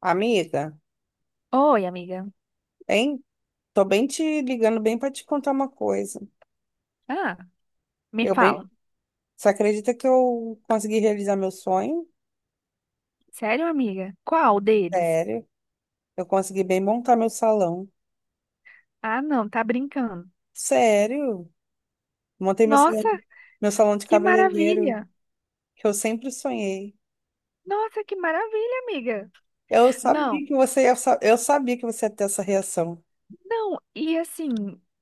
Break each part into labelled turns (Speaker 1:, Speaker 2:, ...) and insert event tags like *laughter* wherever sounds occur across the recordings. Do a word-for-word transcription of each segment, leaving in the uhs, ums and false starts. Speaker 1: Amiga,
Speaker 2: Oi, amiga.
Speaker 1: hein? Tô bem te ligando bem para te contar uma coisa.
Speaker 2: Ah, me
Speaker 1: Eu bem,
Speaker 2: fala.
Speaker 1: você acredita que eu consegui realizar meu sonho?
Speaker 2: Sério, amiga? Qual deles?
Speaker 1: Sério? Eu consegui bem montar meu salão.
Speaker 2: Ah, não, tá brincando.
Speaker 1: Sério? Montei meu salão,
Speaker 2: Nossa,
Speaker 1: meu salão de
Speaker 2: que
Speaker 1: cabeleireiro
Speaker 2: maravilha!
Speaker 1: que eu sempre sonhei.
Speaker 2: Nossa, que maravilha, amiga!
Speaker 1: Eu
Speaker 2: Não,
Speaker 1: sabia que você, eu sa- eu sabia que você ia ter essa reação.
Speaker 2: não, e assim,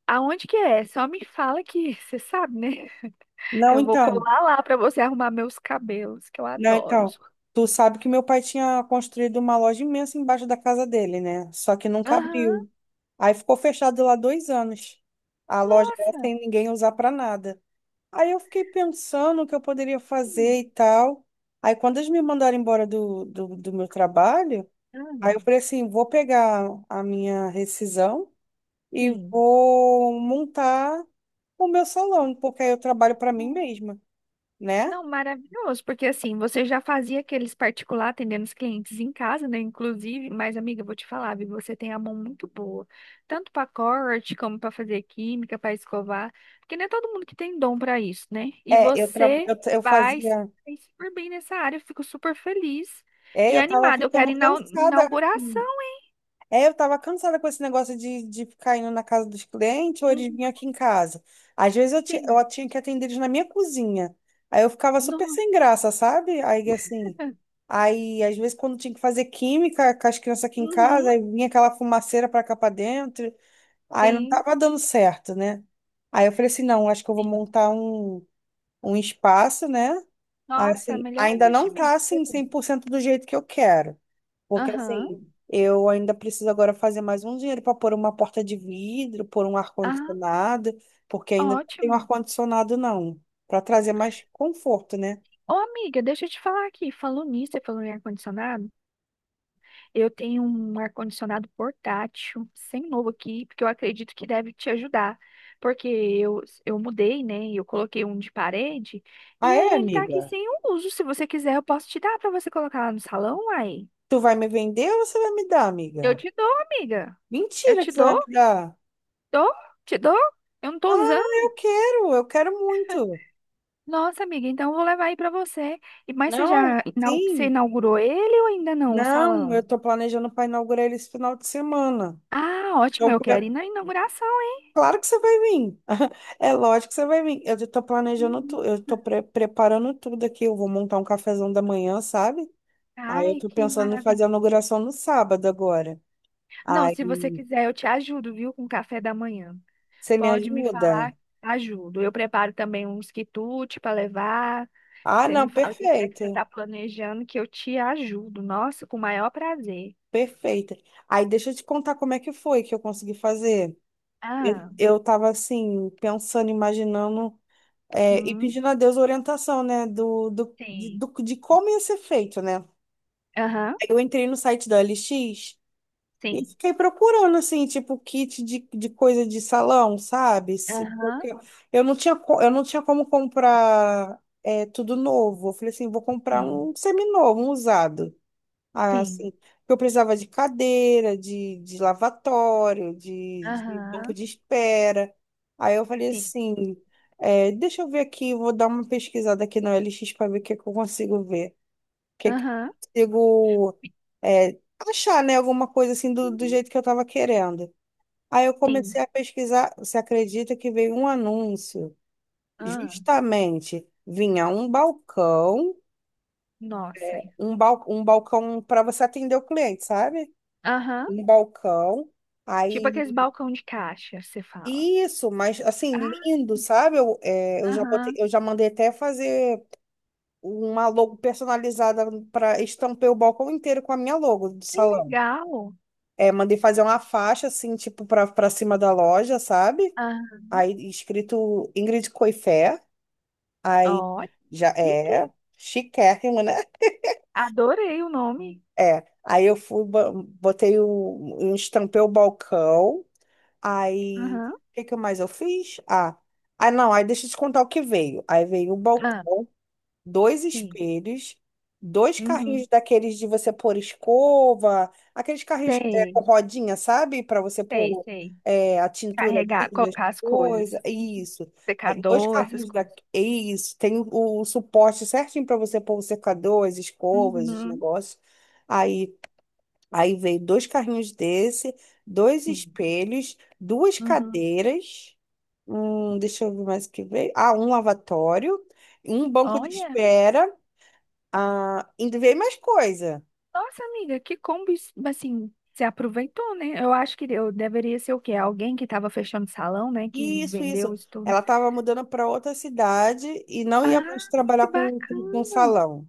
Speaker 2: aonde que é? Só me fala que *laughs* você sabe, né?
Speaker 1: Não,
Speaker 2: Eu vou
Speaker 1: então,
Speaker 2: colar lá pra você arrumar meus cabelos, que eu
Speaker 1: não,
Speaker 2: adoro.
Speaker 1: então. Tu sabe que meu pai tinha construído uma loja imensa embaixo da casa dele, né? Só que nunca
Speaker 2: Aham,
Speaker 1: abriu. Aí ficou fechado lá dois anos. A loja era
Speaker 2: nossa!
Speaker 1: sem ninguém usar para nada. Aí eu fiquei pensando o que eu poderia
Speaker 2: Hum,
Speaker 1: fazer e tal. Aí quando eles me mandaram embora do, do, do meu trabalho, aí
Speaker 2: Ah,
Speaker 1: eu falei assim, vou pegar a minha rescisão e
Speaker 2: sim.
Speaker 1: vou montar o meu salão, porque aí eu trabalho para mim mesma, né?
Speaker 2: Não, maravilhoso, porque assim, você já fazia aqueles particular atendendo os clientes em casa, né? Inclusive, mas amiga, eu vou te falar, viu? Você tem a mão muito boa, tanto para corte, como para fazer química, para escovar, porque não é todo mundo que tem dom para isso, né? E
Speaker 1: É, eu, tra...
Speaker 2: você
Speaker 1: eu, eu
Speaker 2: vai se
Speaker 1: fazia...
Speaker 2: sair super bem nessa área, eu fico super feliz
Speaker 1: É,
Speaker 2: e
Speaker 1: eu tava
Speaker 2: animada. Eu
Speaker 1: ficando
Speaker 2: quero ir na
Speaker 1: cansada.
Speaker 2: inauguração.
Speaker 1: É, eu tava cansada com esse negócio de, de ficar indo na casa dos clientes ou eles
Speaker 2: Uhum,
Speaker 1: vinham aqui em casa. Às vezes eu, ti-
Speaker 2: sim.
Speaker 1: eu tinha que atender eles na minha cozinha. Aí eu ficava super
Speaker 2: No,
Speaker 1: sem graça, sabe? Aí assim. Aí, às vezes, quando tinha que fazer química com as crianças aqui em casa,
Speaker 2: uhum,
Speaker 1: aí vinha aquela fumaceira pra cá pra dentro. Aí não
Speaker 2: sim,
Speaker 1: tava dando certo, né? Aí eu falei assim: não, acho que eu vou
Speaker 2: sim.
Speaker 1: montar um, um espaço, né?
Speaker 2: Nossa,
Speaker 1: Assim,
Speaker 2: melhor
Speaker 1: ainda não tá
Speaker 2: investimento que você
Speaker 1: assim cem
Speaker 2: tem.
Speaker 1: por cento do jeito que eu quero. Porque
Speaker 2: Aham,
Speaker 1: assim, eu ainda preciso agora fazer mais um dinheiro para pôr uma porta de vidro, pôr um
Speaker 2: aham,
Speaker 1: ar-condicionado, porque ainda não tenho
Speaker 2: ótimo.
Speaker 1: ar-condicionado, não. Para trazer mais conforto, né?
Speaker 2: Ô, amiga, deixa eu te falar aqui. Falou nisso, você falou em ar-condicionado. Eu tenho um ar-condicionado portátil, sem novo aqui, porque eu acredito que deve te ajudar. Porque eu, eu mudei, né? Eu coloquei um de parede,
Speaker 1: Ah,
Speaker 2: e
Speaker 1: é,
Speaker 2: aí ele tá aqui
Speaker 1: amiga?
Speaker 2: sem uso. Se você quiser, eu posso te dar pra você colocar lá no salão, aí.
Speaker 1: Tu vai me vender ou você vai me dar,
Speaker 2: Eu
Speaker 1: amiga?
Speaker 2: te dou, amiga. Eu
Speaker 1: Mentira que
Speaker 2: te
Speaker 1: você vai
Speaker 2: dou,
Speaker 1: me dar.
Speaker 2: dou, te dou. Eu não tô
Speaker 1: Ah,
Speaker 2: usando.
Speaker 1: eu quero, eu quero muito.
Speaker 2: Nossa, amiga, então eu vou levar aí pra você. E- mas você
Speaker 1: Não,
Speaker 2: já inau- você
Speaker 1: sim.
Speaker 2: inaugurou ele ou ainda não, o
Speaker 1: Não, eu
Speaker 2: salão?
Speaker 1: tô planejando para inaugurar ele esse final de semana.
Speaker 2: Ah, ótimo,
Speaker 1: Então,
Speaker 2: eu quero ir na inauguração.
Speaker 1: claro que você vai vir. *laughs* É lógico que você vai vir. Eu tô planejando
Speaker 2: Uhum.
Speaker 1: tudo, eu tô pre- preparando tudo aqui. Eu vou montar um cafezão da manhã, sabe? Aí eu
Speaker 2: Ai,
Speaker 1: tô
Speaker 2: que
Speaker 1: pensando em fazer a
Speaker 2: maravilhoso.
Speaker 1: inauguração no sábado agora.
Speaker 2: Não, se você
Speaker 1: Aí
Speaker 2: quiser, eu te ajudo, viu, com o café da manhã.
Speaker 1: você me
Speaker 2: Pode me
Speaker 1: ajuda?
Speaker 2: falar, ajudo. Eu preparo também uns quitutes para levar.
Speaker 1: Ah,
Speaker 2: Você
Speaker 1: não,
Speaker 2: me fala o que é que você
Speaker 1: perfeita,
Speaker 2: está planejando, que eu te ajudo. Nossa, com o maior prazer.
Speaker 1: perfeita. Aí deixa eu te contar como é que foi que eu consegui fazer. Eu
Speaker 2: Ah,
Speaker 1: eu tava assim, pensando, imaginando, é, e
Speaker 2: hum,
Speaker 1: pedindo a Deus orientação, né? Do, do, de,
Speaker 2: sim.
Speaker 1: do- de como ia ser feito, né?
Speaker 2: Aham,
Speaker 1: Eu entrei no site da O L X. E
Speaker 2: sim.
Speaker 1: fiquei procurando, assim, tipo, kit de, de coisa de salão, sabe? Se-
Speaker 2: Aham,
Speaker 1: porque eu não tinha, co- eu não tinha como comprar é, tudo novo. Eu falei assim, vou comprar
Speaker 2: sim.
Speaker 1: um seminovo, um usado. Ah,
Speaker 2: Sim.
Speaker 1: assim, porque eu precisava de cadeira, de, de lavatório, de, de banco
Speaker 2: Aham,
Speaker 1: de espera. Aí eu falei
Speaker 2: sim.
Speaker 1: assim, é, deixa eu ver aqui, vou dar uma pesquisada aqui no L X para ver o que é que eu consigo ver que que
Speaker 2: Aham,
Speaker 1: eu consigo é, achar, né, alguma coisa assim do, do
Speaker 2: sim.
Speaker 1: jeito que eu estava querendo. Aí eu
Speaker 2: Sim.
Speaker 1: comecei a pesquisar, você acredita que veio um anúncio?
Speaker 2: Ah.
Speaker 1: Justamente, vinha um balcão,
Speaker 2: Nossa.
Speaker 1: um, bal, um balcão para você atender o cliente, sabe?
Speaker 2: Aham.
Speaker 1: Um balcão.
Speaker 2: Tipo aqueles
Speaker 1: Aí,
Speaker 2: balcão de caixa, você fala.
Speaker 1: isso, mas assim,
Speaker 2: Ah,
Speaker 1: lindo, sabe? Eu, é, eu já botei,
Speaker 2: aham.
Speaker 1: eu já mandei até fazer uma logo personalizada para estampar o balcão inteiro com a minha logo do
Speaker 2: Que
Speaker 1: salão.
Speaker 2: legal.
Speaker 1: É, mandei fazer uma faixa, assim, tipo, pra, pra cima da loja, sabe?
Speaker 2: Ah,
Speaker 1: Aí, escrito Ingrid Coifé. Aí,
Speaker 2: ó,
Speaker 1: já
Speaker 2: que,
Speaker 1: é chiquérrimo, né?
Speaker 2: adorei o nome.
Speaker 1: É. Aí eu fui, bo- botei o, um- estampei o balcão. Aí,
Speaker 2: Aham,
Speaker 1: o que que mais eu fiz? Ah, ah, não, aí deixa eu te contar o que veio. Aí veio o balcão,
Speaker 2: ah,
Speaker 1: dois
Speaker 2: sim.
Speaker 1: espelhos, dois carrinhos
Speaker 2: Uhum.
Speaker 1: daqueles de você pôr escova, aqueles carrinhos é,
Speaker 2: Sei,
Speaker 1: com rodinha, sabe? Para você
Speaker 2: sei,
Speaker 1: pôr
Speaker 2: sei.
Speaker 1: é, a tintura
Speaker 2: Carregar,
Speaker 1: ali, das
Speaker 2: colocar as coisas.
Speaker 1: coisas, isso. Aí, dois
Speaker 2: Secador, essas
Speaker 1: carrinhos da...
Speaker 2: coisas.
Speaker 1: Isso, tem o, o suporte certinho para você pôr o secador, as escovas, os
Speaker 2: Uhum,
Speaker 1: negócios. Aí, aí veio dois carrinhos desse, dois
Speaker 2: sim.
Speaker 1: espelhos, duas
Speaker 2: Uhum.
Speaker 1: cadeiras. Hum, deixa eu ver mais o que veio. Ah, um lavatório, um banco de
Speaker 2: Olha,
Speaker 1: espera, ah, ainda veio mais coisa.
Speaker 2: nossa amiga, que combo, es- assim, você aproveitou, né? Eu acho que eu deveria ser o quê? Alguém que estava fechando salão, né? Que
Speaker 1: Isso, isso.
Speaker 2: vendeu isso tudo.
Speaker 1: Ela estava mudando para outra cidade e não ia
Speaker 2: Ah,
Speaker 1: mais
Speaker 2: que
Speaker 1: trabalhar com, com, com
Speaker 2: bacana.
Speaker 1: salão.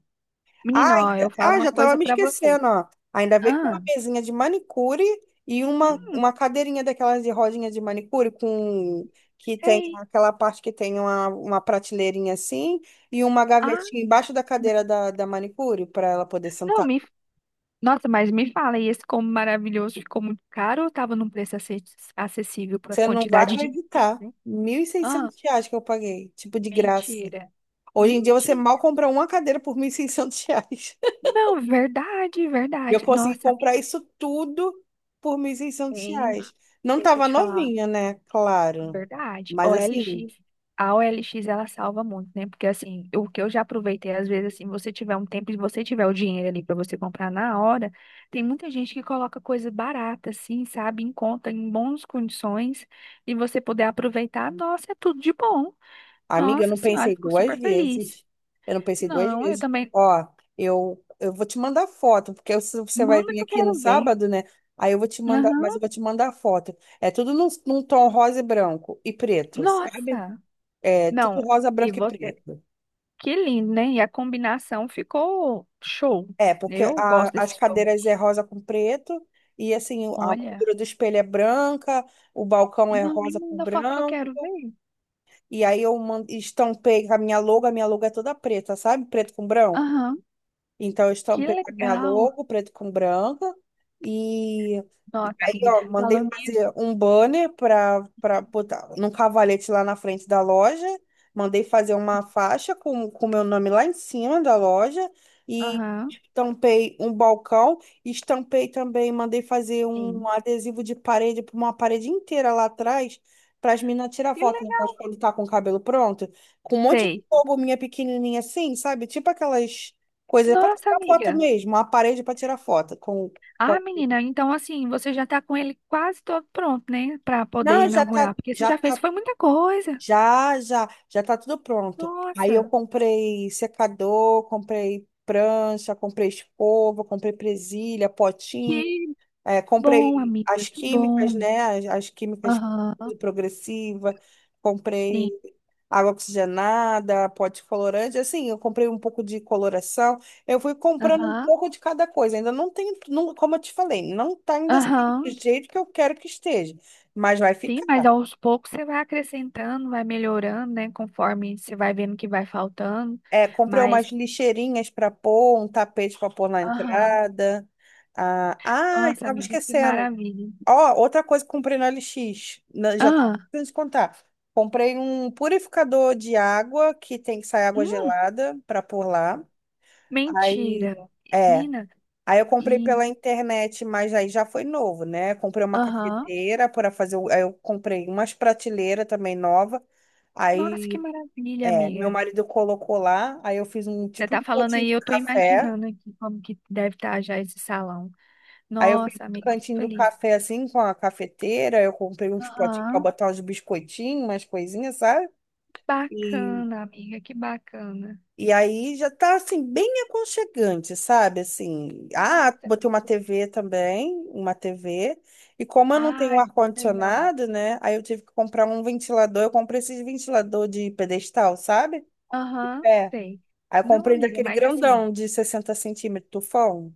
Speaker 1: Ah,
Speaker 2: Menino, ó, eu
Speaker 1: ainda-
Speaker 2: falo
Speaker 1: ah,
Speaker 2: uma
Speaker 1: já estava
Speaker 2: coisa
Speaker 1: me
Speaker 2: pra você.
Speaker 1: esquecendo, ó. Ainda veio com uma
Speaker 2: Ah,
Speaker 1: mesinha de manicure e uma,
Speaker 2: hum,
Speaker 1: uma cadeirinha daquelas de rodinha de manicure com que tem
Speaker 2: sei.
Speaker 1: aquela parte que tem uma, uma prateleirinha assim e uma
Speaker 2: Ah,
Speaker 1: gavetinha embaixo da cadeira da, da manicure para ela poder
Speaker 2: não,
Speaker 1: sentar.
Speaker 2: me... Nossa, mas me fala, e esse combo maravilhoso ficou muito caro ou tava num preço ace- acessível pra
Speaker 1: Você não vai
Speaker 2: quantidade de item,
Speaker 1: acreditar.
Speaker 2: né?
Speaker 1: mil e
Speaker 2: Ah,
Speaker 1: seiscentos reais que eu paguei, tipo de graça.
Speaker 2: mentira.
Speaker 1: Hoje em dia você mal
Speaker 2: Mentira.
Speaker 1: compra uma cadeira por mil e seiscentos reais. *laughs*
Speaker 2: Não, verdade,
Speaker 1: E eu
Speaker 2: verdade.
Speaker 1: consegui
Speaker 2: Nossa,
Speaker 1: comprar isso tudo por mil e seiscentos
Speaker 2: bem,
Speaker 1: reais. Não
Speaker 2: deixa eu
Speaker 1: tava
Speaker 2: te falar.
Speaker 1: novinha, né? Claro.
Speaker 2: Verdade. O
Speaker 1: Mas assim,
Speaker 2: OLX, a O L X ela salva muito, né? Porque assim, o que eu já aproveitei, às vezes, assim, você tiver um tempo e você tiver o dinheiro ali para você comprar na hora, tem muita gente que coloca coisa barata, assim, sabe, em conta, em boas condições, e você poder aproveitar, nossa, é tudo de bom.
Speaker 1: amiga, eu
Speaker 2: Nossa
Speaker 1: não
Speaker 2: senhora,
Speaker 1: pensei
Speaker 2: fico
Speaker 1: duas
Speaker 2: super feliz.
Speaker 1: vezes. Eu não pensei duas
Speaker 2: Não, eu
Speaker 1: vezes.
Speaker 2: também.
Speaker 1: Ó, eu, eu vou te mandar foto, porque se você vai
Speaker 2: Manda
Speaker 1: vir
Speaker 2: que eu
Speaker 1: aqui no
Speaker 2: quero ver.
Speaker 1: sábado, né? Aí eu vou te mandar, mas eu
Speaker 2: Aham.
Speaker 1: vou te mandar foto. É tudo num, num tom rosa e branco e preto, sabe?
Speaker 2: Nossa!
Speaker 1: É tudo
Speaker 2: Não,
Speaker 1: rosa,
Speaker 2: e
Speaker 1: branco e
Speaker 2: você.
Speaker 1: preto.
Speaker 2: Que lindo, né? E a combinação ficou show.
Speaker 1: É, porque
Speaker 2: Eu
Speaker 1: a-
Speaker 2: gosto
Speaker 1: as
Speaker 2: desses
Speaker 1: cadeiras
Speaker 2: tons.
Speaker 1: é rosa com preto, e assim, a
Speaker 2: Olha,
Speaker 1: moldura do espelho é branca, o balcão é
Speaker 2: não, me
Speaker 1: rosa com
Speaker 2: manda foto que eu
Speaker 1: branco,
Speaker 2: quero ver.
Speaker 1: e aí eu man- estampei com a minha logo, a minha logo é toda preta, sabe? Preto com branco.
Speaker 2: Aham,
Speaker 1: Então, eu
Speaker 2: que
Speaker 1: estampei a minha
Speaker 2: legal.
Speaker 1: logo, preto com branca. E, e
Speaker 2: Nossa,
Speaker 1: aí,
Speaker 2: amiga,
Speaker 1: ó, mandei
Speaker 2: falando nisso.
Speaker 1: fazer um banner para para botar num cavalete lá na frente da loja. Mandei fazer uma faixa com o meu nome lá em cima da loja. E
Speaker 2: Aham,
Speaker 1: estampei um balcão. Estampei também, mandei fazer um
Speaker 2: sim.
Speaker 1: adesivo de parede para uma parede inteira lá atrás. Para as meninas tirar
Speaker 2: Que
Speaker 1: foto
Speaker 2: legal.
Speaker 1: depois quando tá com o cabelo pronto. Com um monte de
Speaker 2: Sei.
Speaker 1: logo minha pequenininha assim, sabe? Tipo aquelas coisa para
Speaker 2: Nossa,
Speaker 1: tirar foto
Speaker 2: amiga.
Speaker 1: mesmo, uma parede para tirar foto com, com-
Speaker 2: Ah, menina, então assim, você já tá com ele quase todo pronto, né? Pra poder
Speaker 1: não, já tá,
Speaker 2: inaugurar, porque você
Speaker 1: já
Speaker 2: já fez,
Speaker 1: tá,
Speaker 2: foi muita coisa.
Speaker 1: já, já, já tá tudo pronto. Aí eu
Speaker 2: Nossa,
Speaker 1: comprei secador, comprei prancha, comprei escova, comprei presilha, potinho.
Speaker 2: que
Speaker 1: É,
Speaker 2: bom,
Speaker 1: comprei
Speaker 2: amiga,
Speaker 1: as
Speaker 2: que
Speaker 1: químicas,
Speaker 2: bom.
Speaker 1: né? As, as químicas
Speaker 2: Aham,
Speaker 1: progressiva, comprei
Speaker 2: sim.
Speaker 1: água oxigenada, pote colorante, assim, eu comprei um pouco de coloração. Eu fui comprando um
Speaker 2: Aham,
Speaker 1: pouco de cada coisa. Ainda não tem, não, como eu te falei, não tá ainda assim do
Speaker 2: aham.
Speaker 1: jeito que eu quero que esteja, mas vai
Speaker 2: Sim, mas
Speaker 1: ficar.
Speaker 2: aos poucos você vai acrescentando, vai melhorando, né? Conforme você vai vendo que vai faltando.
Speaker 1: É, comprei
Speaker 2: Mas,
Speaker 1: umas lixeirinhas para pôr, um tapete para pôr na
Speaker 2: aham,
Speaker 1: entrada. Ah, ah,
Speaker 2: nossa,
Speaker 1: estava
Speaker 2: amiga, que
Speaker 1: esquecendo.
Speaker 2: maravilha.
Speaker 1: Ó, outra coisa que comprei no L X, na- já tava
Speaker 2: Ah,
Speaker 1: pensando te contar. Comprei um purificador de água que tem que sair água
Speaker 2: hum,
Speaker 1: gelada para pôr lá. Aí,
Speaker 2: mentira.
Speaker 1: é.
Speaker 2: Menina,
Speaker 1: Aí eu comprei pela
Speaker 2: e,
Speaker 1: internet, mas aí já foi novo, né? Comprei uma
Speaker 2: aham,
Speaker 1: cafeteira para fazer. o- Aí eu comprei umas prateleiras também nova.
Speaker 2: nossa, que
Speaker 1: Aí,
Speaker 2: maravilha,
Speaker 1: é, meu
Speaker 2: amiga.
Speaker 1: marido colocou lá. Aí eu fiz um
Speaker 2: Você
Speaker 1: tipo
Speaker 2: tá
Speaker 1: um
Speaker 2: falando
Speaker 1: potinho
Speaker 2: aí,
Speaker 1: de
Speaker 2: eu tô
Speaker 1: café.
Speaker 2: imaginando aqui como que deve estar já esse salão.
Speaker 1: Aí eu fiz
Speaker 2: Nossa,
Speaker 1: o
Speaker 2: amiga, fico
Speaker 1: cantinho do
Speaker 2: feliz.
Speaker 1: café assim, com a cafeteira. Eu comprei uns potinhos pra
Speaker 2: Aham,
Speaker 1: botar uns biscoitinhos, umas coisinhas, sabe? E,
Speaker 2: bacana, amiga, que bacana.
Speaker 1: e aí já tá assim, bem aconchegante, sabe? Assim, ah,
Speaker 2: Nossa,
Speaker 1: botei uma T V também, uma T V. E como eu não tenho
Speaker 2: ai, que legal.
Speaker 1: ar-condicionado, né? Aí eu tive que comprar um ventilador. Eu comprei esses ventilador de pedestal, sabe?
Speaker 2: Aham,
Speaker 1: É.
Speaker 2: sei.
Speaker 1: Aí eu
Speaker 2: Não,
Speaker 1: comprei
Speaker 2: amiga,
Speaker 1: daquele
Speaker 2: mas assim.
Speaker 1: grandão de sessenta centímetros, tufão.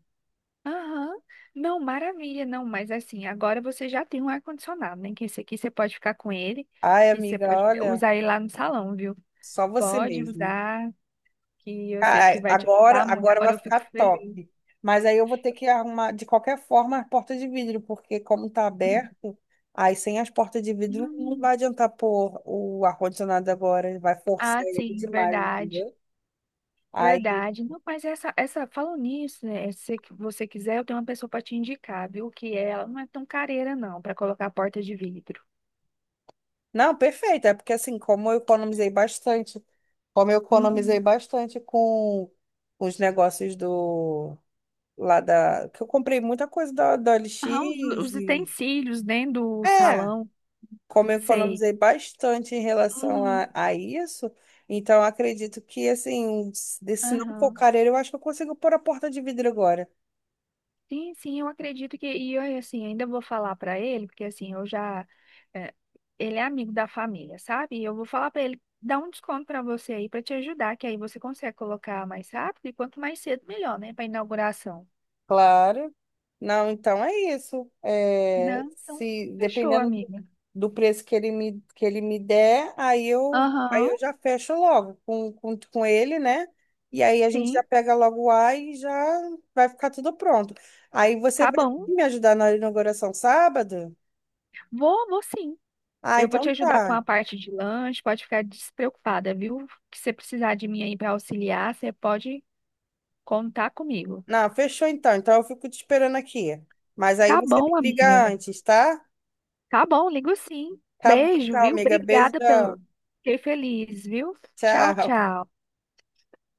Speaker 2: Aham. Não, maravilha, não, mas assim, agora você já tem um ar-condicionado, né? Que esse aqui você pode ficar com ele,
Speaker 1: Ai,
Speaker 2: que você
Speaker 1: amiga,
Speaker 2: pode
Speaker 1: olha,
Speaker 2: usar ele lá no salão, viu?
Speaker 1: só você
Speaker 2: Pode
Speaker 1: mesmo.
Speaker 2: usar, que eu sei que
Speaker 1: Ai,
Speaker 2: vai te
Speaker 1: Agora,
Speaker 2: ajudar muito.
Speaker 1: agora
Speaker 2: Agora
Speaker 1: vai
Speaker 2: eu
Speaker 1: ficar
Speaker 2: fico feliz.
Speaker 1: top. Mas aí eu vou ter que arrumar, de qualquer forma, as portas de vidro, porque como tá
Speaker 2: *laughs*
Speaker 1: aberto, aí sem as portas de vidro não
Speaker 2: Hum.
Speaker 1: vai adiantar pôr o ar-condicionado agora, ele vai forçar
Speaker 2: Ah,
Speaker 1: ele
Speaker 2: sim,
Speaker 1: demais,
Speaker 2: verdade.
Speaker 1: entendeu? Aí,
Speaker 2: Verdade. Não, mas essa, essa, falando nisso, né? Se que você quiser, eu tenho uma pessoa para te indicar, viu? Que ela não é tão careira, não, para colocar a porta de vidro.
Speaker 1: não, perfeito, é porque assim, como eu economizei bastante, como eu economizei
Speaker 2: Uhum.
Speaker 1: bastante com os negócios do, lá da, que eu comprei muita coisa da, da O L
Speaker 2: Ah, os,
Speaker 1: x
Speaker 2: os
Speaker 1: e,
Speaker 2: utensílios dentro do
Speaker 1: é,
Speaker 2: salão,
Speaker 1: como eu
Speaker 2: sei.
Speaker 1: economizei bastante em relação
Speaker 2: Uhum.
Speaker 1: a, a isso, então acredito que, assim, se se não for
Speaker 2: Aham.
Speaker 1: careiro, eu acho que eu consigo pôr a porta de vidro agora.
Speaker 2: Sim, sim, eu acredito que. E eu, assim, ainda vou falar para ele, porque assim, eu já. É, ele é amigo da família, sabe? E eu vou falar para ele dar um desconto para você aí, para te ajudar, que aí você consegue colocar mais rápido e quanto mais cedo, melhor, né? Para inauguração.
Speaker 1: Claro. Não, então é isso. É,
Speaker 2: Não, então,
Speaker 1: se
Speaker 2: fechou,
Speaker 1: dependendo do,
Speaker 2: amiga.
Speaker 1: do preço que ele me, que ele me der, aí eu, aí
Speaker 2: Aham,
Speaker 1: eu já fecho logo com, com, com ele, né? E aí a gente já
Speaker 2: sim,
Speaker 1: pega logo o ar e já vai ficar tudo pronto. Aí você
Speaker 2: tá
Speaker 1: vai
Speaker 2: bom.
Speaker 1: me ajudar na inauguração sábado?
Speaker 2: Vou, vou sim.
Speaker 1: Ah,
Speaker 2: Eu vou te
Speaker 1: então
Speaker 2: ajudar com a
Speaker 1: tá.
Speaker 2: parte de lanche, pode ficar despreocupada, viu? Que se precisar de mim aí para auxiliar, você pode contar comigo.
Speaker 1: Não, fechou então. Então eu fico te esperando aqui. Mas aí
Speaker 2: Tá
Speaker 1: você me
Speaker 2: bom,
Speaker 1: liga
Speaker 2: amiga.
Speaker 1: antes, tá?
Speaker 2: Tá bom, ligo sim.
Speaker 1: Tá bom
Speaker 2: Beijo,
Speaker 1: então,
Speaker 2: viu?
Speaker 1: amiga.
Speaker 2: Obrigada
Speaker 1: Beijão.
Speaker 2: pelo. Fiquei feliz, viu? Tchau,
Speaker 1: Tchau.
Speaker 2: tchau.